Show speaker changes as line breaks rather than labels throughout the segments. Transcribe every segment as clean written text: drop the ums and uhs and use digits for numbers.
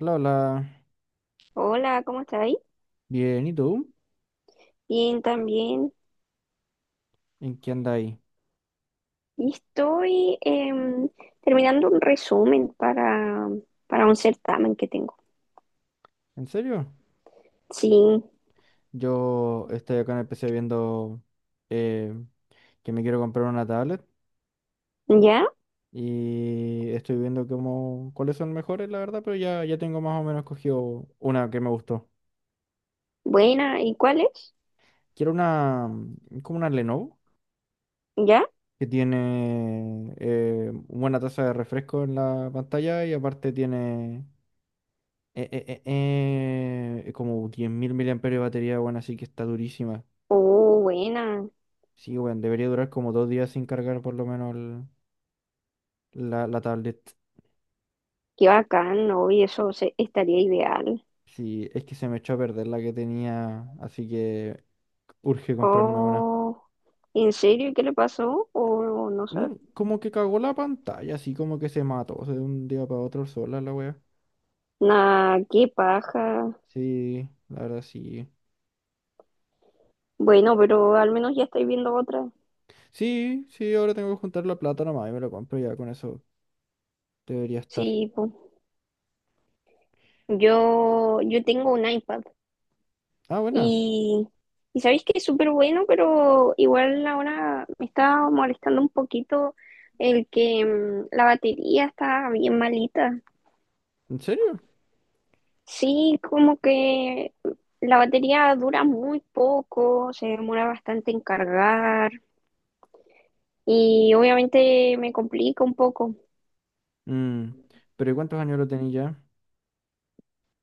Hola, hola.
Hola, ¿cómo estáis?
Bien, ¿y tú?
Bien, también.
¿En qué andáis?
Y estoy terminando un resumen para un certamen que tengo.
¿En serio?
Sí,
Yo estoy acá en el PC viendo eh, que me quiero comprar una tablet
ya,
y estoy viendo como cuáles son mejores, la verdad, pero ya tengo más o menos cogido una que me gustó.
buena. ¿Y cuál es?
Quiero una, como una Lenovo,
¿Ya?
que tiene buena tasa de refresco en la pantalla y aparte tiene como 10.000 mAh de batería, bueno, así que está durísima.
Oh, buena.
Sí, weón, debería durar como 2 días sin cargar por lo menos la tablet.
Qué bacán, ¿no? Y eso estaría ideal.
Sí, es que se me echó a perder la que tenía, así que urge comprarme una.
Oh, ¿en serio? ¿Y qué le pasó? Oh, no sé.
Como que cagó la pantalla, así como que se mató, o sea, de un día para otro sola la wea.
Nah, qué paja.
Sí, la verdad sí.
Bueno, pero al menos ya estoy viendo otra.
Sí, sí, ahora tengo que juntar la plata nomás y me lo compro ya, con eso debería estar.
Sí, po. Yo tengo un iPad.
Ah, bueno,
Y, y sabéis que es súper bueno, pero igual ahora me está molestando un poquito el que la batería está bien malita.
¿en serio?
Sí, como que la batería dura muy poco, se demora bastante en cargar y obviamente me complica un poco.
Mm, pero ¿y cuántos años lo tenía ya?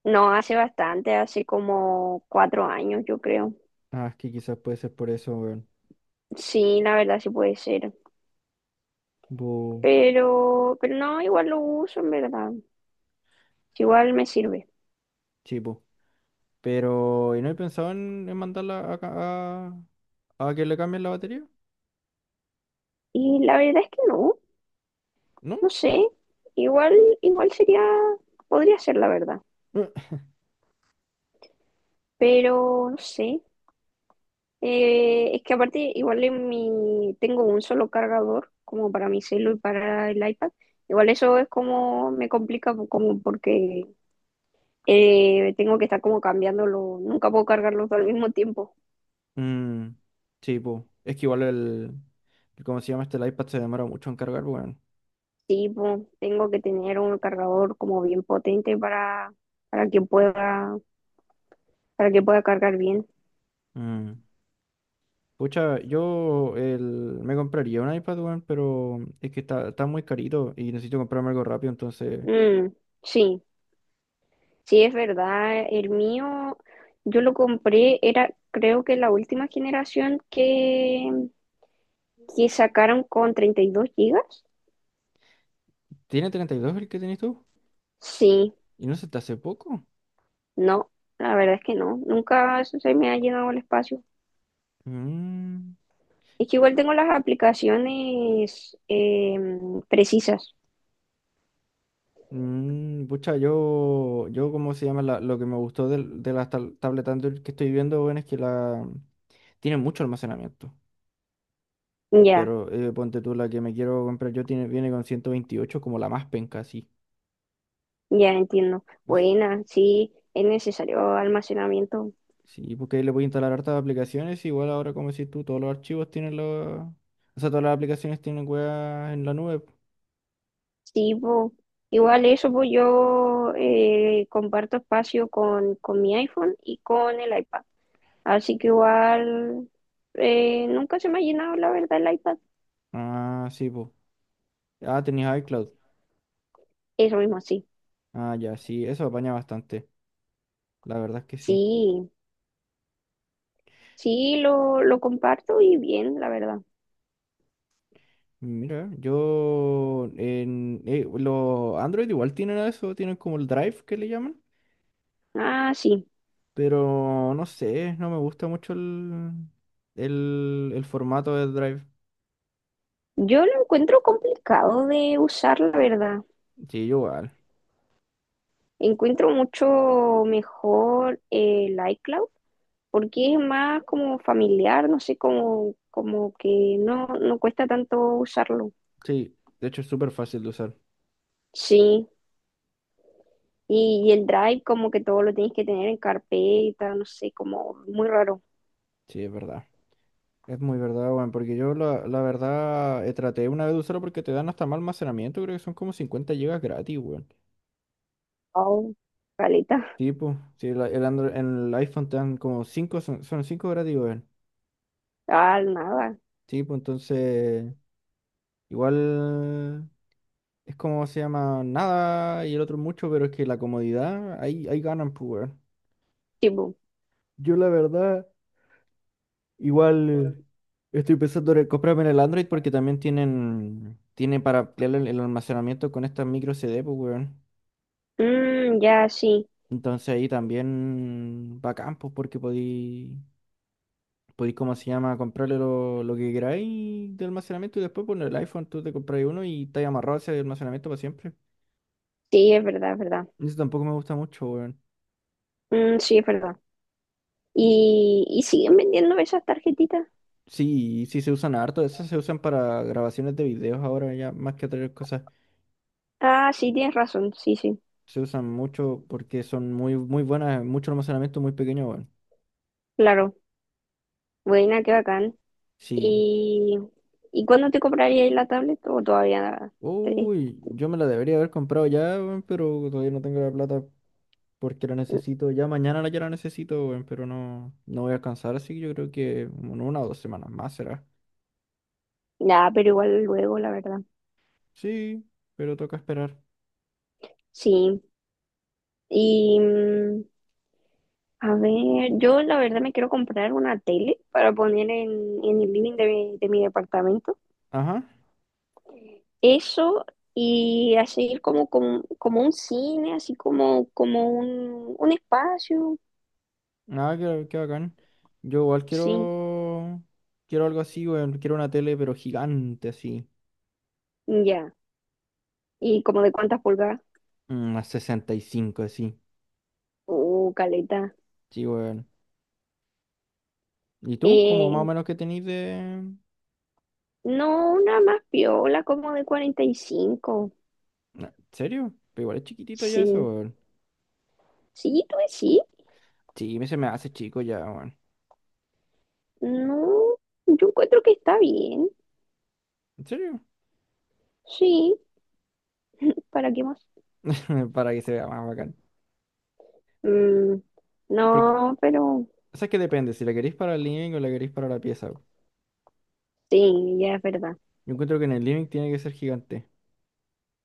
No, hace bastante, hace como cuatro años, yo creo.
Ah, es que quizás puede ser por eso, weón.
Sí, la verdad sí puede ser.
Bu,
Pero no, igual lo uso en verdad. Igual me sirve.
sí, bu. Pero, ¿y no he pensado en mandarla a, a que le cambien la batería?
Y la verdad es que no,
¿No?
no sé. Igual, igual podría ser la verdad,
Eh.
pero no sé. Es que aparte, igual tengo un solo cargador, como para mi celu y para el iPad. Igual eso es como me complica, como porque tengo que estar como cambiándolo. Nunca puedo cargarlos al mismo tiempo.
Mm, sí, pues. Es que igual ¿cómo se llama este? El iPad se demora mucho en cargar, weón.
Sí, pues, tengo que tener un cargador como bien potente para que pueda, para que pueda cargar bien.
Mm. Pucha, yo me compraría un iPad, weón, pero es que está muy carito y necesito comprarme algo rápido, entonces...
Mm, sí. Sí, es verdad. Yo lo compré, era creo que la última generación que sacaron con 32 gigas.
¿Tiene 32 el que tenés tú?
Sí,
¿Y no se te hace poco?
no, la verdad es que no. Nunca se me ha llenado el espacio.
Mm.
Es que igual tengo las aplicaciones precisas.
Pucha, yo, ¿cómo se llama? Lo que me gustó de las tablet Android que estoy viendo, bueno, es que la tiene mucho almacenamiento.
Ya,
Pero ponte tú, la que me quiero comprar yo tiene, viene con 128 como la más penca, así.
ya entiendo.
Así-
Buena, sí, es necesario almacenamiento.
Sí, porque ahí le voy a instalar hartas aplicaciones. Igual ahora, como decís tú, todos los archivos tienen los. O sea, todas las aplicaciones tienen weas en la nube.
Sí, po. Igual eso, pues yo comparto espacio con mi iPhone y con el iPad. Así que igual nunca se me ha llenado, la verdad, el iPad.
Ah, sí, pues. Ah, tenías iCloud.
Eso mismo, sí.
Ah, ya, sí, eso apaña bastante. La verdad es que sí.
Sí, sí, lo comparto y bien, la verdad.
Mira, yo en los Android igual tienen eso, tienen como el Drive que le llaman,
Ah, sí.
pero no sé, no me gusta mucho el formato del Drive.
Yo lo encuentro complicado de usar, la verdad.
Sí, yo igual.
Encuentro mucho mejor el iCloud porque es más como familiar, no sé, como que no cuesta tanto usarlo.
Sí, de hecho es súper fácil de usar.
Sí, y el Drive como que todo lo tienes que tener en carpeta, no sé, como muy raro.
Sí, es verdad. Es muy verdad, weón, porque yo la verdad traté una vez de usarlo porque te dan hasta más almacenamiento, creo que son como 50 gigas gratis, weón.
Oh, caleta.
Sí, pues, sí, el Android, en el iPhone te dan como 5, son 5 gratis, weón.
Ah, nada.
Sí, pues entonces... Igual es como se llama nada y el otro mucho, pero es que la comodidad, ahí, ahí ganan, pues, weón.
Tipo,
Yo la verdad, igual estoy pensando en comprarme en el Android porque también tienen para ampliar el almacenamiento con estas micro CD, pues, weón.
ya, sí,
Entonces ahí también bacán, pues, porque podí, ¿cómo se llama? Comprarle lo que queráis de almacenamiento y después poner el iPhone, tú te compras uno y te amarrado a ese almacenamiento para siempre.
sí, es verdad, es verdad.
Eso tampoco me gusta mucho, weón.
Mm, sí, es verdad. ¿Y siguen vendiendo esas tarjetitas?
Sí, sí se usan harto, esas se usan para grabaciones de videos ahora ya, más que otras cosas.
Ah, sí, tienes razón, sí, sí,
Se usan mucho porque son muy, muy buenas, mucho almacenamiento muy pequeño, weón.
claro. Buena, qué bacán.
Sí.
¿Y, y cuándo te comprarías la tablet o todavía nada?
Uy, yo me la debería haber comprado ya, weón, pero todavía no tengo la plata porque la necesito. Ya mañana ya la necesito, weón, pero no, no voy a alcanzar, así que yo creo que en una o dos semanas más será.
Ya, pero igual luego, la verdad.
Sí, pero toca esperar.
Sí. Y a ver, yo la verdad me quiero comprar una tele para poner en el living de mi departamento.
Ajá.
Eso y así como un cine, así como un espacio.
Ah, qué bacán. Yo igual
Sí,
quiero. Quiero algo así, weón. Quiero una tele, pero gigante, así.
ya. ¿Y como de cuántas pulgadas?
Una 65, así.
Caleta.
Sí, weón. ¿Y tú? ¿Cómo más o
Eh,
menos que tenís de?
no, una más piola, como de 45.
¿En serio? Pero igual es chiquitito ya eso,
Sí.
weón.
Sí, tú sí.
Sí, se me hace chico ya, weón.
No, yo encuentro que está bien.
¿En serio?
Sí, ¿para qué más?
Para que se vea más bacán.
Mm,
Porque,
no, pero
o sea, que depende, si la queréis para el living o la queréis para la pieza.
sí, ya es verdad.
Yo encuentro que en el living tiene que ser gigante.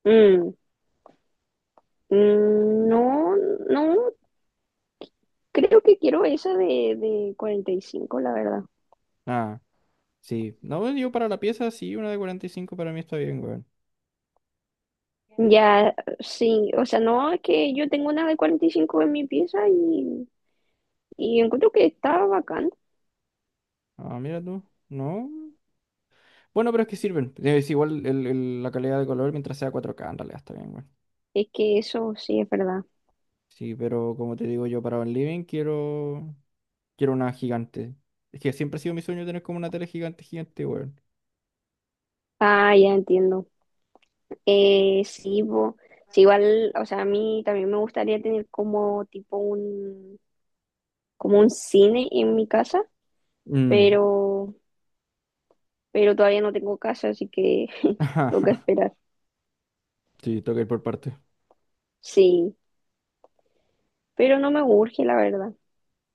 Mm, mm, no, no, creo que quiero esa de 45 la verdad.
Ah, sí. No, yo para la pieza sí, una de 45 para mí está bien, weón.
Ya, sí, o sea, no, es que yo tengo una de 45 en mi pieza y encuentro que está bacán.
Ah, mira tú. No. Bueno, pero es que sirven. Es igual la calidad de color mientras sea 4K en realidad está bien, güey.
Es que eso sí es verdad.
Sí, pero como te digo yo, para un living quiero una gigante. Es que siempre ha sido mi sueño tener como una tele gigante, gigante, güey.
Ah, ya entiendo. Sí, sí, igual, o sea, a mí también me gustaría tener como como un cine en mi casa,
Mm.
pero, pero todavía no tengo casa, así que toca esperar.
Sí, toca ir por parte.
Sí, pero no me urge, la verdad.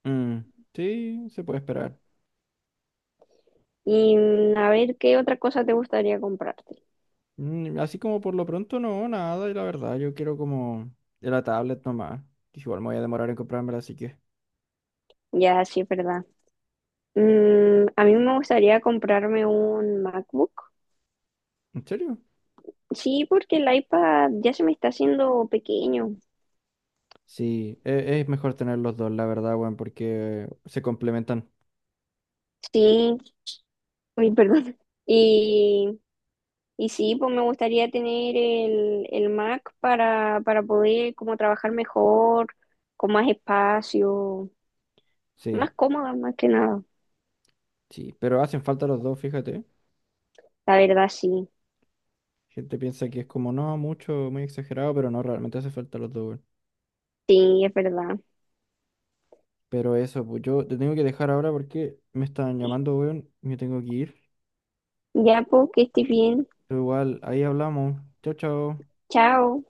Mm. Sí, se puede esperar.
Y a ver, ¿qué otra cosa te gustaría comprarte?
Así como por lo pronto no, nada, y la verdad, yo quiero como de la tablet nomás. Que igual me voy a demorar en comprármela, así que...
Ya, sí, es verdad. A mí me gustaría comprarme un MacBook.
¿En serio?
Sí, porque el iPad ya se me está haciendo pequeño.
Sí, es mejor tener los dos, la verdad, weón, porque se complementan.
Sí, uy, perdón. Y Y sí, pues me gustaría tener el Mac para poder como trabajar mejor, con más espacio,
Sí.
más cómoda más que nada.
Sí, pero hacen falta los dos, fíjate.
La verdad, sí,
Gente piensa que es como, no, mucho, muy exagerado, pero no, realmente hace falta los dos, weón.
sí, es verdad.
Pero eso, pues yo te tengo que dejar ahora porque me están llamando, weón, y me tengo que ir.
Ya, pues que estés bien.
Pero igual, ahí hablamos. Chao, chao.
Chao.